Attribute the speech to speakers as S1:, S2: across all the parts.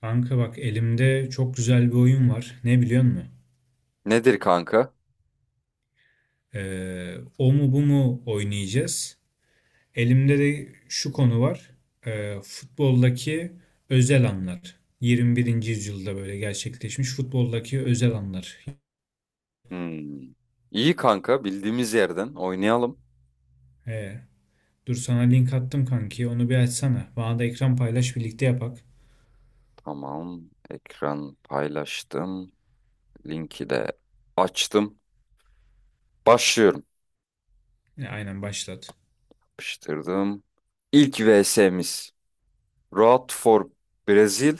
S1: Kanka bak elimde çok güzel bir oyun var. Ne biliyor musun?
S2: Nedir kanka?
S1: O mu bu mu oynayacağız. Elimde de şu konu var. Futboldaki özel anlar. 21. yüzyılda böyle gerçekleşmiş futboldaki özel anlar.
S2: Hmm. İyi kanka bildiğimiz yerden oynayalım.
S1: Ee, Dur sana link attım kanki. Onu bir açsana. Bana da ekran paylaş birlikte yapak.
S2: Tamam. Ekran paylaştım. Linki de açtım. Başlıyorum.
S1: Aynen başlat.
S2: Yapıştırdım. İlk VS'miz. Road for Brazil.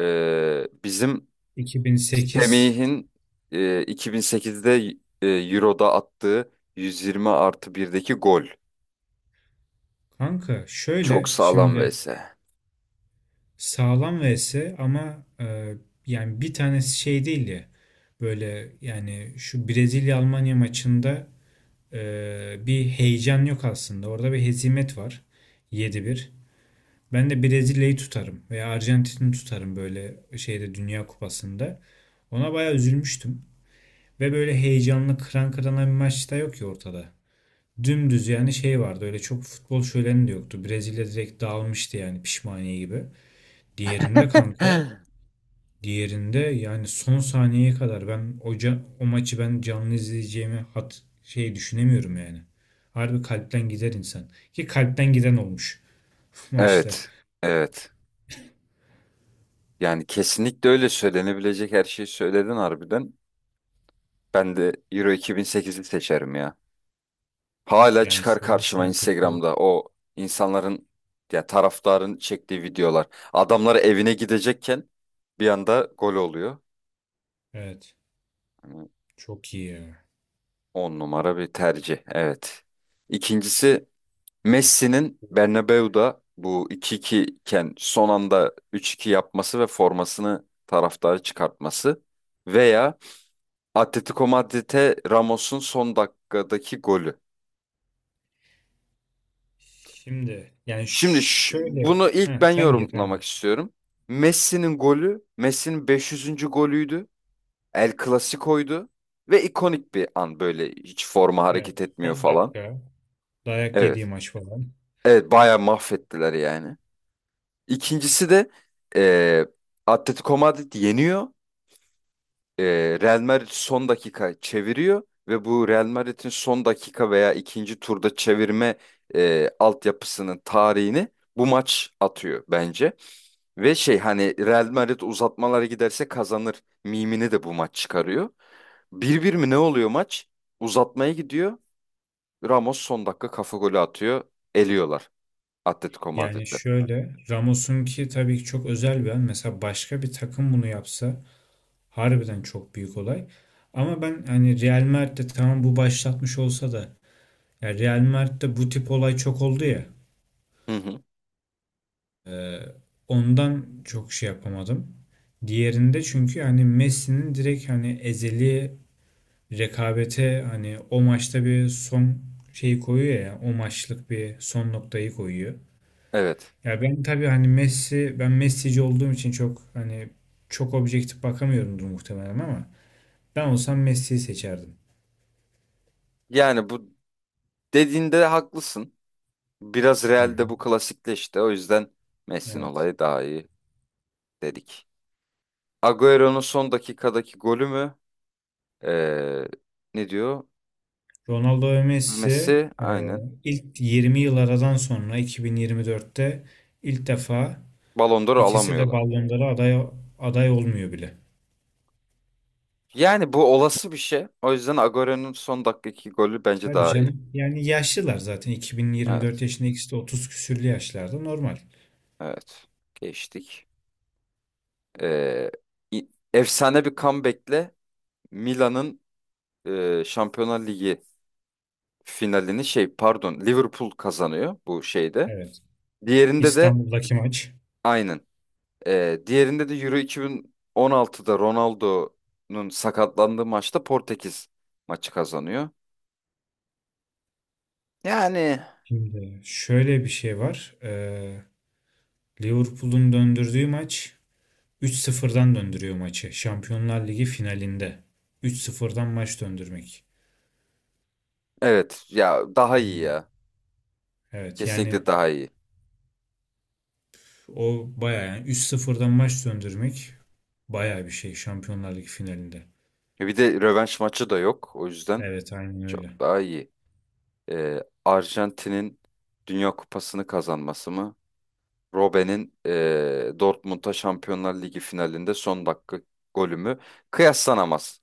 S2: Bizim
S1: 2008.
S2: Semih'in 2008'de Euro'da attığı 120 artı birdeki gol.
S1: Kanka
S2: Çok
S1: şöyle
S2: sağlam
S1: şimdi.
S2: VS.
S1: Sağlam vs ama yani bir tanesi şey değil ya böyle yani şu Brezilya Almanya maçında bir heyecan yok aslında. Orada bir hezimet var. 7-1. Ben de Brezilya'yı tutarım veya Arjantin'i tutarım böyle şeyde Dünya Kupası'nda. Ona bayağı üzülmüştüm. Ve böyle heyecanlı kıran kırana bir maç da yok ya ortada. Dümdüz yani şey vardı, öyle çok futbol şöleni de yoktu. Brezilya direkt dağılmıştı yani pişmaniye gibi. Diğerinde kanka. Diğerinde yani son saniyeye kadar o maçı ben canlı izleyeceğimi hat şey düşünemiyorum yani. Harbi kalpten gider insan. Ki kalpten giden olmuş maçta.
S2: Evet. Evet. Yani kesinlikle öyle söylenebilecek her şeyi söyledin harbiden. Ben de Euro 2008'i seçerim ya. Hala
S1: Yani
S2: çıkar
S1: Sevinç
S2: karşıma
S1: Şentürk'ü.
S2: Instagram'da o insanların ya taraftarın çektiği videolar. Adamlar evine gidecekken bir anda gol oluyor.
S1: Evet.
S2: Hani
S1: Çok iyi ya.
S2: on numara bir tercih. Evet. İkincisi Messi'nin Bernabeu'da bu 2-2 iken son anda 3-2 yapması ve formasını taraftara çıkartması veya Atletico Madrid'e Ramos'un son dakikadaki golü.
S1: Şimdi yani
S2: Şimdi
S1: şöyle,
S2: bunu ilk
S1: heh,
S2: ben
S1: sen gir. Yani.
S2: yorumlamak istiyorum. Messi'nin golü, Messi'nin 500. golüydü. El Clasico'ydu ve ikonik bir an böyle hiç forma
S1: Evet.
S2: hareket etmiyor
S1: Son
S2: falan.
S1: dakika. Dayak yediği
S2: Evet.
S1: maç falan.
S2: Evet bayağı mahvettiler yani. İkincisi de eee Atletico Madrid yeniyor e, Real Madrid son dakika çeviriyor ve bu Real Madrid'in son dakika veya ikinci turda çevirme altyapısının tarihini bu maç atıyor bence. Ve şey hani Real Madrid uzatmalara giderse kazanır mimini de bu maç çıkarıyor. 1-1 mi ne oluyor maç? Uzatmaya gidiyor. Ramos son dakika kafa golü atıyor. Eliyorlar Atletico
S1: Yani
S2: Madrid'i.
S1: şöyle Ramos'un ki tabii ki çok özel bir an. Mesela başka bir takım bunu yapsa harbiden çok büyük olay. Ama ben hani Real Madrid'de tamam bu başlatmış olsa da ya Real Madrid'de bu tip olay çok oldu ya.
S2: Hı hı.
S1: e, Ondan çok şey yapamadım. Diğerinde çünkü hani Messi'nin direkt hani ezeli rekabete hani o maçta bir son şeyi koyuyor ya, o maçlık bir son noktayı koyuyor.
S2: Evet.
S1: Ya ben tabii hani Messi, ben Messi'ci olduğum için çok hani çok objektif bakamıyorumdur muhtemelen ama ben olsam Messi'yi seçerdim.
S2: Yani bu dediğinde haklısın. Biraz
S1: Hı
S2: Real'de
S1: hı.
S2: bu klasikleşti. O yüzden Messi'nin
S1: Evet.
S2: olayı daha iyi dedik. Agüero'nun son dakikadaki golü mü? Ee, ne diyor?
S1: Ronaldo ve Messi
S2: Messi
S1: e,
S2: aynen.
S1: ilk 20 yıl aradan sonra 2024'te ilk defa
S2: Ballon d'Or
S1: ikisi de
S2: alamıyorlar.
S1: Ballon d'Or'a aday, aday olmuyor bile.
S2: Yani bu olası bir şey. O yüzden Agüero'nun son dakikadaki golü bence
S1: Tabii
S2: daha iyi.
S1: canım. Yani yaşlılar zaten. 2024
S2: Evet.
S1: yaşında ikisi de 30 küsürlü yaşlarda, normal.
S2: Evet. Geçtik. Ee, Efsane bir comeback'le Milan'ın Şampiyonlar Ligi finalini şey pardon Liverpool kazanıyor bu şeyde.
S1: Evet.
S2: Diğerinde de
S1: İstanbul'daki maç.
S2: aynen. Diğerinde de Euro 2016'da Ronaldo'nun sakatlandığı maçta Portekiz maçı kazanıyor. Yani
S1: Şimdi şöyle bir şey var. Liverpool'un döndürdüğü maç, 3-0'dan döndürüyor maçı. Şampiyonlar Ligi finalinde. 3-0'dan maç döndürmek.
S2: evet ya daha iyi
S1: Hmm.
S2: ya.
S1: Evet
S2: Kesinlikle
S1: yani.
S2: daha iyi.
S1: O bayağı yani 3 sıfırdan maç söndürmek bayağı bir şey Şampiyonlar Ligi finalinde.
S2: Bir de rövanş maçı da yok. O yüzden
S1: Evet aynen öyle.
S2: çok daha iyi. Arjantin'in Dünya Kupası'nı kazanması mı? Robben'in Dortmund'a Şampiyonlar Ligi finalinde son dakika golü mü? Kıyaslanamaz.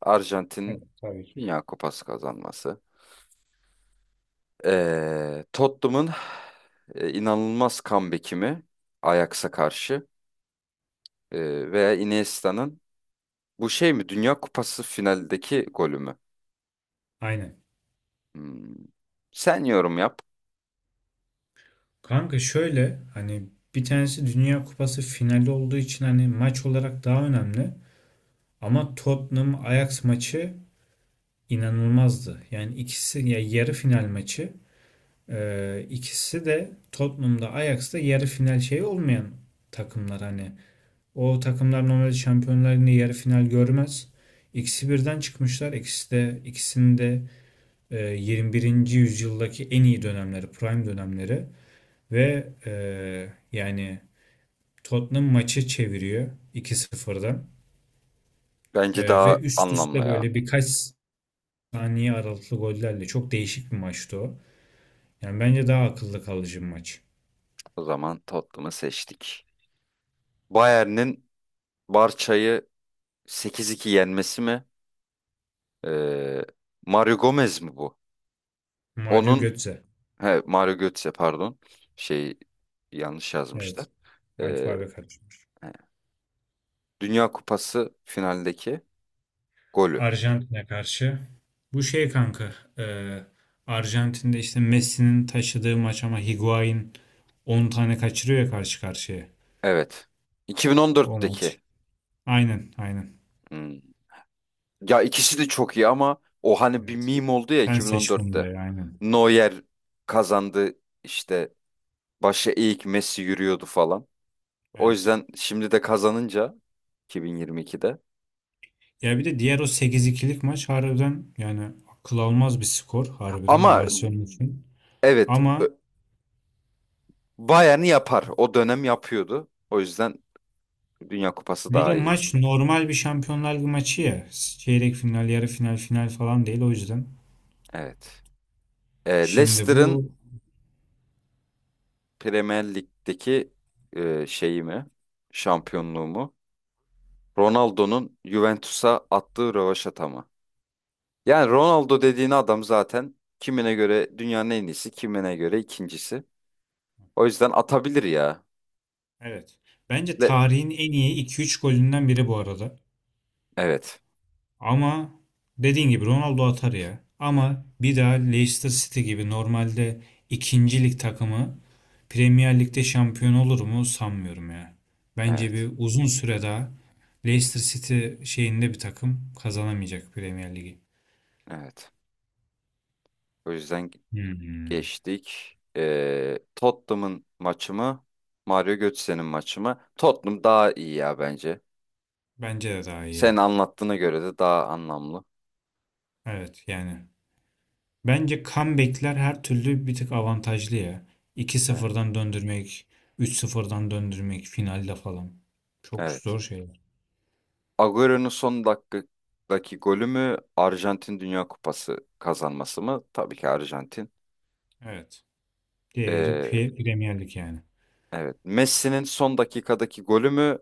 S1: Evet
S2: Arjantin'in
S1: tabii ki.
S2: Dünya Kupası kazanması. Tottenham'ın inanılmaz comeback'i mi Ajax'a karşı? Veya Iniesta'nın bu şey mi Dünya Kupası finaldeki golü mü?
S1: Aynen.
S2: Hmm. Sen yorum yap.
S1: Kanka şöyle hani bir tanesi Dünya Kupası finali olduğu için hani maç olarak daha önemli. Ama Tottenham Ajax maçı inanılmazdı. Yani ikisi ya yarı final maçı, ikisi de Tottenham'da Ajax'ta yarı final şeyi olmayan takımlar hani. O takımlar normalde Şampiyonlar Ligi'nde yarı final görmez. İkisi birden çıkmışlar. İkisi de, ikisinin de 21. yüzyıldaki en iyi dönemleri, prime dönemleri ve yani Tottenham maçı çeviriyor 2-0'dan.
S2: Bence daha
S1: Ve üst
S2: anlamlı
S1: üste
S2: ya.
S1: böyle birkaç saniye aralıklı gollerle çok değişik bir maçtı o. Yani bence daha akılda kalıcı bir maç.
S2: O zaman Tottenham'ı seçtik. Bayern'in Barça'yı 8-2 yenmesi mi? Ee, Mario Gomez mi bu?
S1: Mario
S2: Onun
S1: Götze.
S2: he, Mario Götze pardon. Şey yanlış yazmışlar.
S1: Evet.
S2: Ee,
S1: Alfabe karışmış.
S2: Dünya Kupası finaldeki golü.
S1: Arjantin'e karşı. Bu şey kanka. e, Arjantin'de işte Messi'nin taşıdığı maç ama Higuain 10 tane kaçırıyor ya karşı karşıya.
S2: Evet.
S1: O
S2: 2014'teki.
S1: maç. Aynen.
S2: Hmm. Ya ikisi de çok iyi ama o hani bir
S1: Evet.
S2: meme oldu ya
S1: Sen seç
S2: 2014'te.
S1: bunları aynen.
S2: Neuer kazandı işte başı eğik Messi yürüyordu falan. O
S1: Evet.
S2: yüzden şimdi de kazanınca 2022'de.
S1: Ya bir de diğer o sekiz ikilik maç harbiden yani akıl almaz bir skor harbiden
S2: Ama
S1: Barcelona için.
S2: evet
S1: Ama
S2: Bayern'i yapar. O dönem yapıyordu. O yüzden Dünya Kupası
S1: bir de
S2: daha iyi.
S1: maç normal bir Şampiyonlar Ligi maçı ya. Çeyrek final, yarı final, final falan değil o yüzden.
S2: Evet.
S1: Şimdi bu.
S2: Leicester'ın Premier Lig'deki şeyimi, şampiyonluğumu, Ronaldo'nun Juventus'a attığı rövaşata mı? Yani Ronaldo dediğin adam zaten kimine göre dünyanın en iyisi, kimine göre ikincisi. O yüzden atabilir ya.
S1: Evet. Bence
S2: Ve-
S1: tarihin en iyi iki üç golünden biri bu arada.
S2: evet,
S1: Ama dediğin gibi Ronaldo atar ya. Ama bir daha Leicester City gibi normalde ikinci lig takımı Premier Lig'de şampiyon olur mu sanmıyorum ya. Bence
S2: evet,
S1: bir uzun süre daha Leicester City şeyinde bir takım kazanamayacak Premier Ligi.
S2: evet. O yüzden
S1: Hmm.
S2: geçtik. Tottenham'ın maçı mı? Mario Götze'nin maçı mı? Tottenham daha iyi ya bence.
S1: Bence de daha iyi
S2: Sen
S1: ya.
S2: anlattığına göre de daha anlamlı.
S1: Evet yani. Bence comeback'ler her türlü bir tık avantajlı ya. İki
S2: Evet,
S1: sıfırdan döndürmek, üç sıfırdan döndürmek finalde falan. Çok
S2: evet.
S1: zor şeyler.
S2: Agüero'nun son dakikadaki golü mü Arjantin Dünya Kupası kazanması mı? Tabii ki Arjantin.
S1: Evet. Diğeri
S2: Ee,
S1: Premier Lig yani.
S2: evet. Messi'nin son dakikadaki golü mü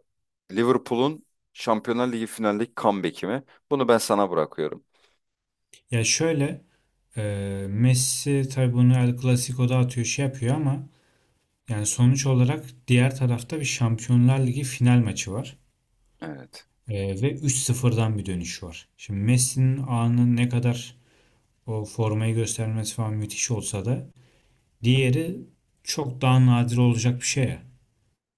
S2: Liverpool'un Şampiyonlar Ligi finaldeki comeback'i mi? Bunu ben sana bırakıyorum.
S1: Ya şöyle, e, Messi tabii bunu El Clasico'da atıyor şey yapıyor ama yani sonuç olarak diğer tarafta bir Şampiyonlar Ligi final maçı var.
S2: Evet.
S1: Ve üç sıfırdan bir dönüş var. Şimdi Messi'nin anı ne kadar o formayı göstermesi falan müthiş olsa da diğeri çok daha nadir olacak bir şey ya.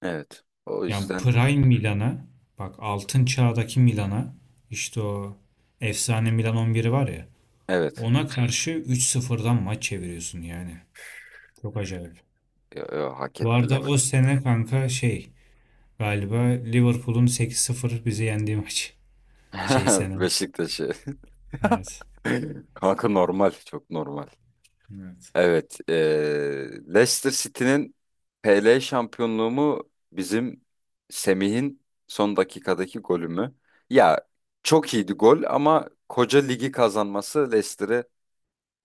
S2: Evet. O
S1: Yani
S2: yüzden
S1: Prime Milan'a bak, altın çağdaki Milan'a, işte o efsane Milan 11'i var ya,
S2: evet.
S1: ona karşı 3-0'dan maç çeviriyorsun yani. Çok acayip.
S2: Yo, yo, hak
S1: Bu arada
S2: ettiler.
S1: o sene kanka şey, galiba Liverpool'un 8-0 bizi yendiği maç. Şey sene.
S2: Beşiktaş'ı.
S1: Evet.
S2: Kanka normal. Çok normal.
S1: Evet.
S2: Evet, Leicester City'nin PL şampiyonluğu mu bizim Semih'in son dakikadaki golü mü? Ya çok iyiydi gol ama koca ligi kazanması Leicester'ı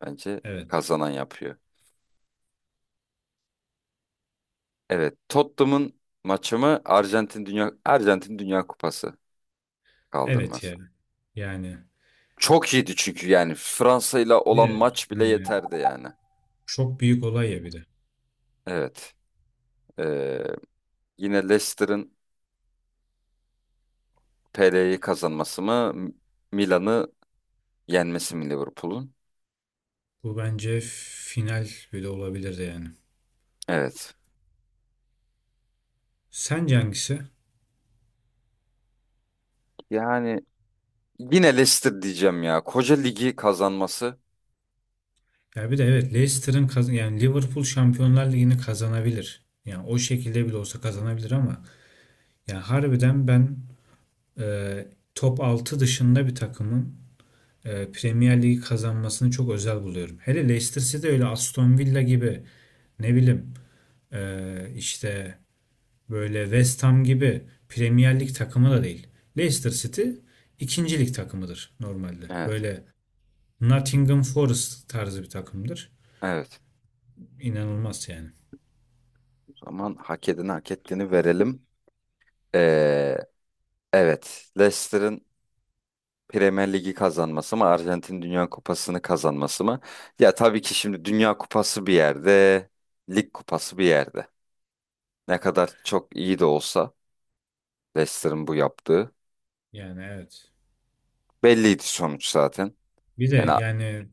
S2: bence
S1: Evet.
S2: kazanan yapıyor. Evet, Tottenham'ın maçı mı Arjantin Dünya Kupası
S1: Evet
S2: kaldırması?
S1: yani. Yani
S2: Çok iyiydi çünkü yani Fransa ile
S1: bir
S2: olan
S1: de
S2: maç bile
S1: hani
S2: yeterdi yani.
S1: çok büyük olay ya bir de.
S2: Evet, eee, yine Leicester'ın PL'yi kazanması mı? Milan'ı yenmesi mi Liverpool'un?
S1: Bu bence final bile olabilirdi yani.
S2: Evet.
S1: Sence hangisi?
S2: Yani yine Leicester diyeceğim ya. Koca ligi kazanması.
S1: Ya bir de evet Leicester'ın kazan, yani Liverpool Şampiyonlar Ligi'ni kazanabilir. Yani o şekilde bile olsa kazanabilir ama yani harbiden ben e, top 6 dışında bir takımın Premier Ligi kazanmasını çok özel buluyorum. Hele Leicester City öyle Aston Villa gibi ne bileyim işte böyle West Ham gibi Premier Lig takımı da değil. Leicester City ikinci lig takımıdır normalde.
S2: Evet.
S1: Böyle Nottingham Forest tarzı bir takımdır.
S2: Evet.
S1: İnanılmaz yani.
S2: O zaman hak edeni hak ettiğini verelim. Ee, evet. Leicester'ın Premier Ligi kazanması mı? Arjantin Dünya Kupası'nı kazanması mı? Ya tabii ki şimdi Dünya Kupası bir yerde, Lig Kupası bir yerde. Ne kadar çok iyi de olsa Leicester'ın bu yaptığı
S1: Yani evet.
S2: belliydi sonuç zaten.
S1: Bir de
S2: Yani
S1: yani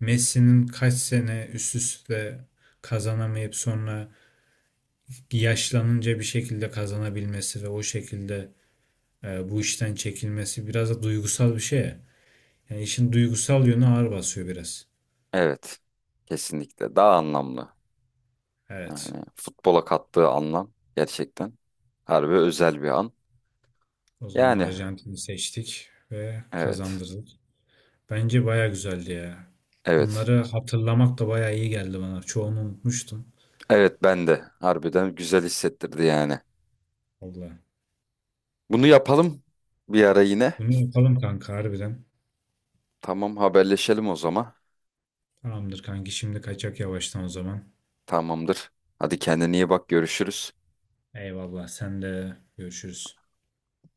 S1: Messi'nin kaç sene üst üste kazanamayıp sonra yaşlanınca bir şekilde kazanabilmesi ve o şekilde bu işten çekilmesi biraz da duygusal bir şey ya. Yani işin duygusal yönü ağır basıyor biraz.
S2: evet. Kesinlikle daha anlamlı.
S1: Evet.
S2: Yani futbola kattığı anlam gerçekten harbi özel bir an.
S1: O zaman
S2: Yani
S1: Arjantin'i seçtik ve
S2: evet.
S1: kazandırdık. Bence baya güzeldi ya.
S2: Evet.
S1: Bunları hatırlamak da baya iyi geldi bana. Çoğunu unutmuştum.
S2: Evet ben de harbiden güzel hissettirdi yani.
S1: Allah.
S2: Bunu yapalım bir ara yine.
S1: Bunu yapalım kanka harbiden.
S2: Tamam haberleşelim o zaman.
S1: Tamamdır kanki, şimdi kaçak yavaştan o zaman.
S2: Tamamdır. Hadi kendine iyi bak görüşürüz.
S1: Eyvallah, sen de görüşürüz.